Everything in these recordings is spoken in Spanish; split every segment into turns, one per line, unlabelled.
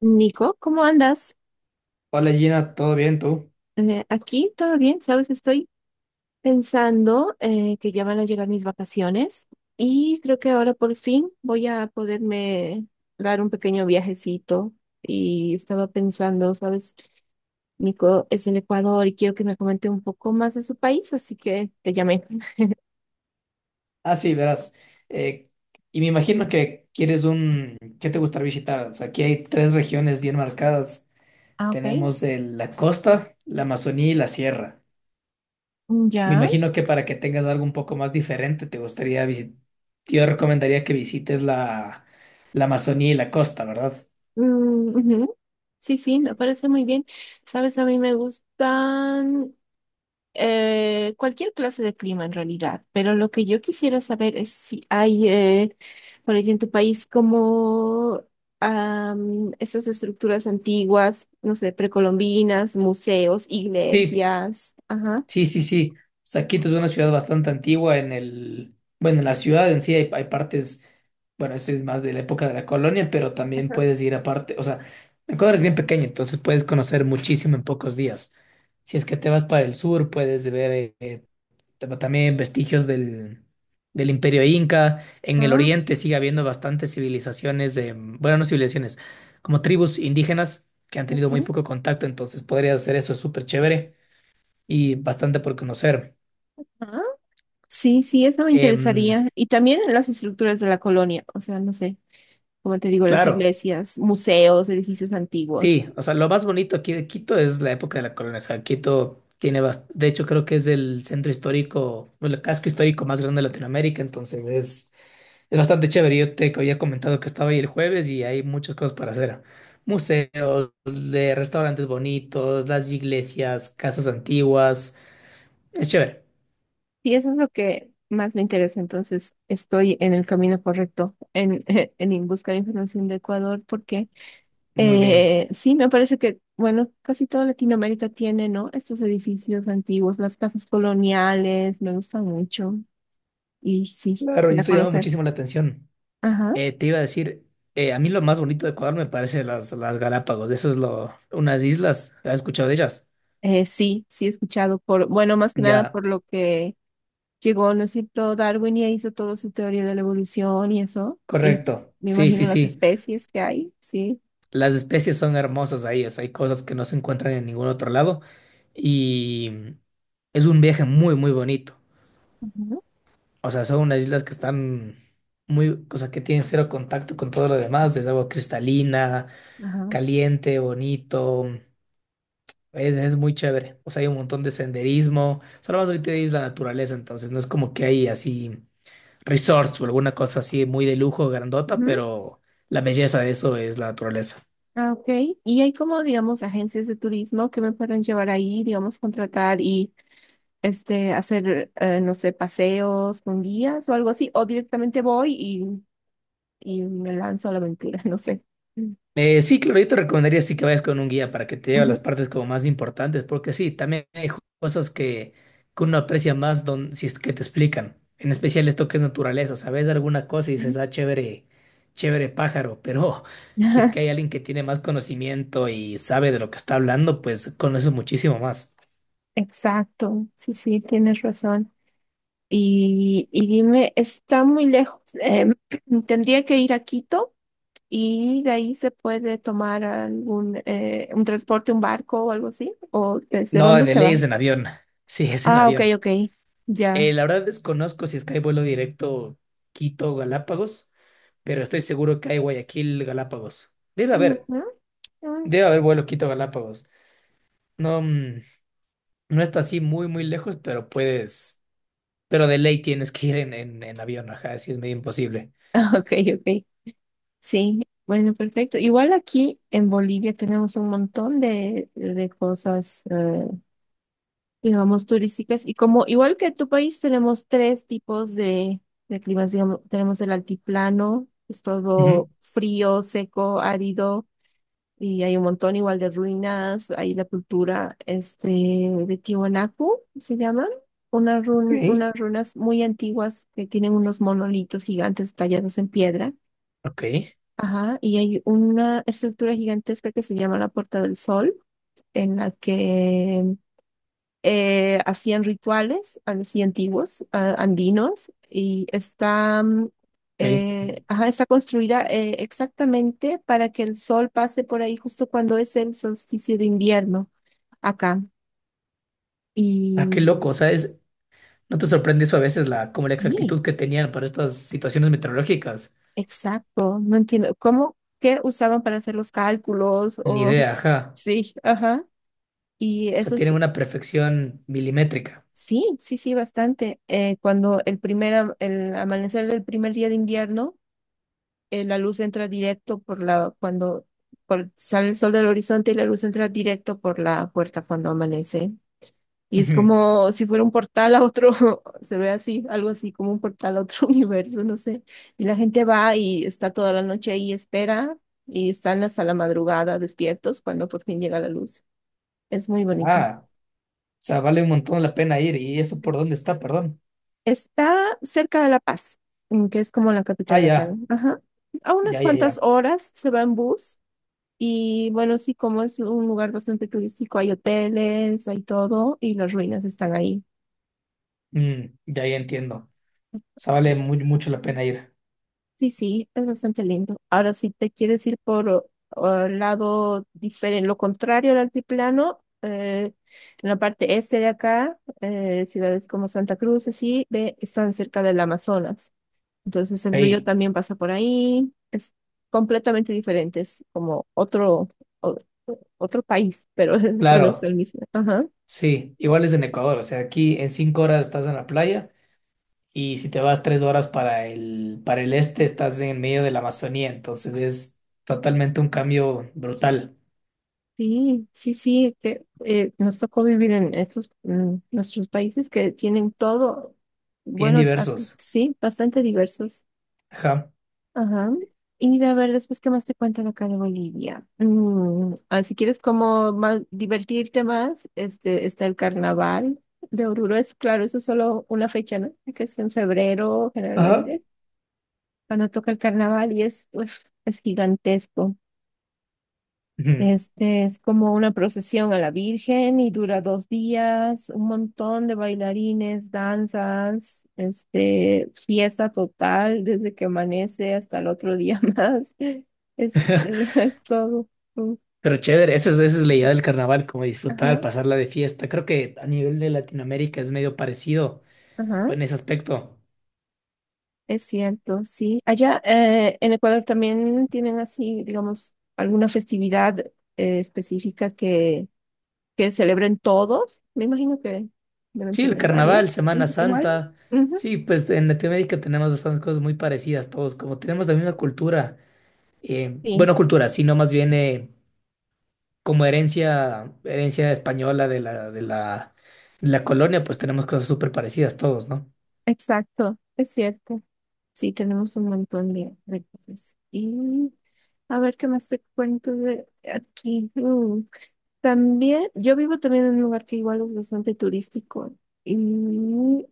Nico, ¿cómo andas?
Hola Gina, ¿todo bien tú?
Aquí todo bien, ¿sabes? Estoy pensando que ya van a llegar mis vacaciones y creo que ahora por fin voy a poderme dar un pequeño viajecito. Y estaba pensando, ¿sabes? Nico es del Ecuador y quiero que me comente un poco más de su país, así que te llamé.
Ah, sí, verás. eh, y me imagino que quieres un... ¿Qué te gustaría visitar? O sea, aquí hay tres regiones bien marcadas.
Ah, ok.
Tenemos la costa, la Amazonía y la sierra. Me
Ya.
imagino que para que tengas algo un poco más diferente, te gustaría visitar... Yo recomendaría que visites la Amazonía y la costa, ¿verdad?
Mm, ujú. Sí, sí, me parece muy bien. ¿Sabes? A mí me gustan. Cualquier clase de clima en realidad, pero lo que yo quisiera saber es si hay, por allí en tu país, como esas estructuras antiguas, no sé, precolombinas, museos,
Sí,
iglesias. Ajá.
sí. O sea, Quito es una ciudad bastante antigua en el, bueno, en la ciudad en sí hay partes, bueno, eso es más de la época de la colonia, pero también
Ajá.
puedes ir aparte, o sea, Ecuador es bien pequeño, entonces puedes conocer muchísimo en pocos días. Si es que te vas para el sur, puedes ver también vestigios del Imperio Inca. En el
Ah,
oriente sigue habiendo bastantes civilizaciones, bueno, no civilizaciones, como tribus indígenas que han tenido muy
ujú,
poco contacto, entonces podrías hacer eso, es súper chévere y bastante por conocer.
ajá. Sí, sí, eso me
Em,
interesaría. Y también las estructuras de la colonia, o sea, no sé, como te digo, las
claro,
iglesias, museos, edificios antiguos.
sí, o sea, lo más bonito aquí de Quito es la época de la colonización. Quito tiene, de hecho, creo que es el centro histórico, o el casco histórico más grande de Latinoamérica, entonces es bastante chévere. Yo te había comentado que estaba ahí el jueves y hay muchas cosas para hacer. Museos, de restaurantes bonitos, las iglesias, casas antiguas. Es chévere.
Sí, eso es lo que más me interesa. Entonces, estoy en el camino correcto en, en buscar información de Ecuador porque
Muy bien.
sí, me parece que, bueno, casi toda Latinoamérica tiene, ¿no? Estos edificios antiguos, las casas coloniales, me gusta mucho y sí,
Claro, y
quisiera
eso llama
conocer.
muchísimo la atención.
Ajá.
Te iba a decir, a mí lo más bonito de Ecuador me parece las Galápagos. Eso es lo, unas islas. ¿Has escuchado de ellas?
Sí, sí he escuchado por, bueno, más que nada por
Ya,
lo que llegó, ¿no es cierto? Darwin y hizo toda su teoría de la evolución y eso. Y
correcto.
me
Sí,
imagino
sí,
las
sí.
especies que hay, sí.
Las especies son hermosas ahí. O sea, hay cosas que no se encuentran en ningún otro lado. Y es un viaje muy, muy bonito.
Ujú.
O sea, son unas islas que están muy, o sea, que tienen cero contacto con todo lo demás. Es agua cristalina,
Ajá.
caliente, bonito. Es muy chévere. O sea, hay un montón de senderismo. Solo más ahorita es la naturaleza, entonces no es como que hay así resorts o alguna cosa así muy de lujo, grandota,
Ujú,
pero la belleza de eso es la naturaleza.
ah, ok, y hay como, digamos, agencias de turismo que me pueden llevar ahí, digamos, contratar y este, hacer, no sé, paseos con guías o algo así, o directamente voy y me lanzo a la aventura, no sé. Mm,
Sí, claro, yo te recomendaría sí que vayas con un guía para que te lleve a
ujú,
las partes como más importantes, porque sí, también hay cosas que uno aprecia más don, si es que te explican. En especial esto que es naturaleza, sabes alguna cosa y
ujú.
dices, ah, chévere, chévere pájaro, pero que es que hay alguien que tiene más conocimiento y sabe de lo que está hablando, pues conoces muchísimo más.
Exacto, sí, sí, tienes razón. Y dime, está muy lejos. Tendría que ir a Quito y de ahí se puede tomar algún un transporte, un barco o algo así, o desde
No,
dónde
de
se
ley
va.
es en avión. Sí, es en
Ah, ok,
avión.
ok. Ya.
La verdad desconozco si es que hay vuelo directo Quito-Galápagos, pero estoy seguro que hay Guayaquil-Galápagos.
Ujú, ujú.
Debe haber vuelo Quito-Galápagos. No, no está así muy, muy lejos, pero puedes, pero de ley tienes que ir en avión, ajá, así es medio imposible.
Ah, ok, ok. Sí, bueno, perfecto. Igual aquí en Bolivia tenemos un montón de cosas, digamos, turísticas. Y como igual que tu país, tenemos tres tipos de climas, digamos, tenemos el altiplano, es todo
Ujú.
frío, seco, árido. Y hay un montón igual de ruinas, hay la cultura este, de Tiwanaku, se llaman, unas,
Ok.
unas runas muy antiguas que tienen unos monolitos gigantes tallados en piedra,
Ok,
ajá, y hay una estructura gigantesca que se llama la Puerta del Sol, en la que hacían rituales así antiguos, andinos, y está,
ok.
ajá, está construida exactamente para que el sol pase por ahí justo cuando es el solsticio de invierno acá.
Ah, qué loco,
Y
o sea, es, ¿no te sorprende eso a veces como la
sí,
exactitud que tenían para estas situaciones meteorológicas?
exacto, no entiendo cómo, qué usaban para hacer los cálculos
Ni
o
idea, ajá.
sí, ajá. Y
O sea,
eso
tienen
es,
una perfección milimétrica.
sí, sí, sí, bastante. Cuando el primer, el amanecer del primer día de invierno la luz entra directo por la, cuando sale el sol del horizonte y la luz entra directo por la puerta cuando amanece. Y es
Ujú.
como si fuera un portal a otro, se ve así, algo así como un portal a otro universo, no sé. Y la gente va y está toda la noche ahí, espera, y están hasta la madrugada despiertos cuando por fin llega la luz. Es muy bonito.
Ah. Sea, vale un montón la pena ir. ¿Y eso por dónde está? Perdón.
Está cerca de La Paz, mm, que es como la
Ah,
capital de acá. ¿No? Ajá. A unas cuantas
ya.
horas se va en bus. Y bueno, sí, como es un lugar bastante turístico, hay hoteles, hay todo y las ruinas están ahí.
Ya, ya entiendo. O sea, vale
Sí,
muy, mucho la pena ir.
sí, sí, es bastante lindo. Ahora, si te quieres ir por el lado diferente, lo contrario al altiplano, en la parte este de acá, ciudades como Santa Cruz, así, ve, están cerca del Amazonas. Entonces el río
Ahí,
también pasa por ahí, es completamente diferente, es como otro, o- otro país, pero bueno, es el
claro,
mismo. Ajá.
sí. Igual es en Ecuador. O sea, aquí en 5 horas estás en la playa y si te vas 3 horas para para el este, estás en medio de la Amazonía. Entonces es totalmente un cambio brutal.
Sí, sí, sí, que nos tocó vivir en estos nuestros países que tienen todo,
Bien
bueno, aquí
diversos.
sí, bastante diversos.
Ajá.
Ajá. Y a ver, después, ¿qué más te cuentan acá de Bolivia? Mm, ah, si quieres como más, divertirte más, este, está el carnaval de Oruro. Es claro, eso es solo una fecha, ¿no? Que es en febrero
Ajá.
generalmente, cuando toca el carnaval y es, uf, es gigantesco.
Ujú.
Este es como una procesión a la Virgen y dura 2 días, un montón de bailarines, danzas, este, fiesta total desde que amanece hasta el otro día más. Es todo.
Pero chévere, esa es la idea del carnaval, como disfrutar,
Ajá,
pasarla de fiesta. Creo que a nivel de Latinoamérica es medio parecido
ajá,
en ese aspecto.
es cierto, sí. Allá en Ecuador también tienen así, digamos, alguna festividad específica que celebren todos. Me imagino que deben
Sí, el
tener
carnaval,
varias. Ujú,
Semana
igual.
Santa. Sí, pues en Latinoamérica tenemos bastantes cosas muy parecidas todos, como tenemos la misma cultura,
Sí,
bueno, cultura, sino más bien como herencia, herencia española de de la colonia, pues tenemos cosas súper parecidas todos, ¿no?
exacto, es cierto. Sí, tenemos un montón de cosas. Y a ver qué más te cuento de aquí. Mm, también, yo vivo también en un lugar que igual es bastante turístico. Y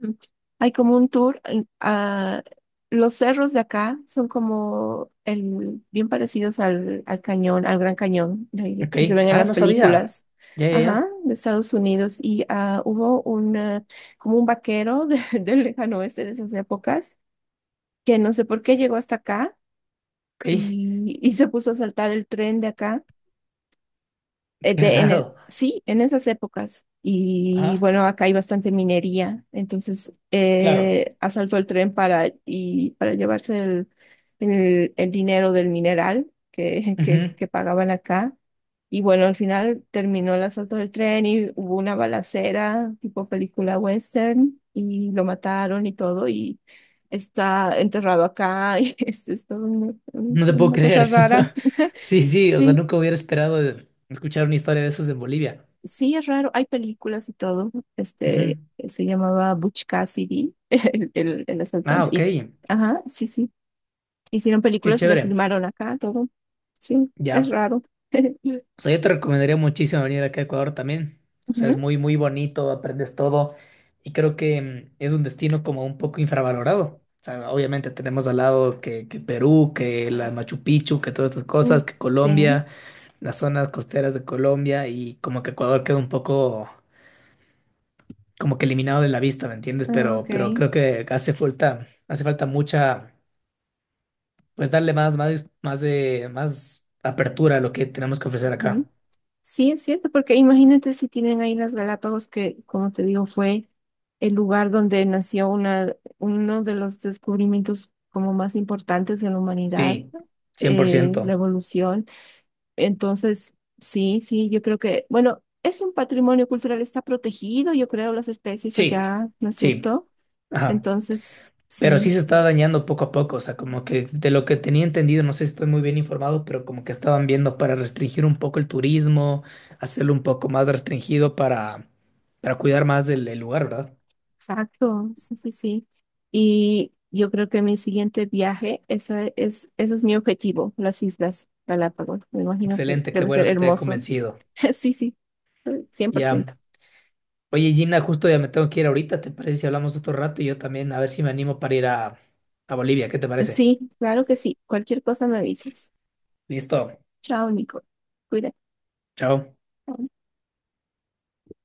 mm, hay como un tour a los cerros de acá son como el, bien parecidos al, al cañón, al Gran Cañón
Ok.
que se ven en
Ah,
las
no sabía.
películas,
Ya, ya,
ajá,
ya.
de Estados Unidos. Y ah, hubo una, como un vaquero del lejano oeste de esas épocas que no sé por qué llegó hasta acá
Ok.
y se puso a saltar el tren de acá
Qué raro.
sí, en esas épocas. Y
Ajá.
bueno, acá hay bastante minería, entonces
Claro.
asaltó el tren para, y, para llevarse el dinero del mineral que,
Ujú.
que pagaban acá. Y bueno, al final terminó el asalto del tren y hubo una balacera tipo película western y lo mataron y todo y está enterrado acá y es todo
No te puedo
una cosa
creer.
rara.
Sí, sí, o sea,
Sí.
nunca hubiera esperado escuchar una historia de esas en Bolivia.
Sí, es raro, hay películas y todo. Este
Ujú.
se llamaba Butch Cassidy, el
Ah,
asaltante.
ok.
Y, ajá, sí, sí. Hicieron
Qué
películas y le
chévere.
filmaron acá todo. Sí, es
Ya.
raro.
O sea, yo te recomendaría muchísimo venir acá a Ecuador también. O sea, es
Ujú.
muy, muy bonito, aprendes todo. Y creo que es un destino como un poco infravalorado. O sea, obviamente tenemos al lado que Perú, que la Machu Picchu, que todas estas
Mm,
cosas, que
sí,
Colombia, las zonas costeras de Colombia y como que Ecuador queda un poco como que eliminado de la vista, ¿me entiendes?
ah, ok.
Pero creo que hace falta mucha, pues darle más apertura a lo que tenemos que ofrecer
Ujú.
acá.
Sí, es cierto, porque imagínate si tienen ahí las Galápagos, que como te digo, fue el lugar donde nació una, uno de los descubrimientos como más importantes de la humanidad,
Sí, cien por ciento.
la evolución. Entonces, sí, sí, yo creo que, bueno, es un patrimonio cultural, está protegido, yo creo, las especies
Sí,
allá, ¿no es
sí,
cierto?
ajá.
Entonces,
Pero
sí,
sí se
sí,
está dañando poco a poco, o sea, como que de lo que tenía entendido, no sé si estoy muy bien informado, pero como que estaban viendo para restringir un poco el turismo, hacerlo un poco más restringido para cuidar más el lugar, ¿verdad?
exacto, sí, sí, sí. Y yo creo que mi siguiente viaje, esa es, ese es mi objetivo, las Islas Galápagos. Me imagino que
Excelente, qué
debe
bueno
ser
que te haya
hermoso.
convencido.
Sí, sí, cien por
Ya.
ciento
Oye, Gina, justo ya me tengo que ir ahorita, ¿te parece si hablamos otro rato? Y yo también, a ver si me animo para ir a Bolivia, ¿qué te parece?
Sí, claro que sí. Cualquier cosa me avisas.
Listo,
Chao, Nico. Cuídate.
chao.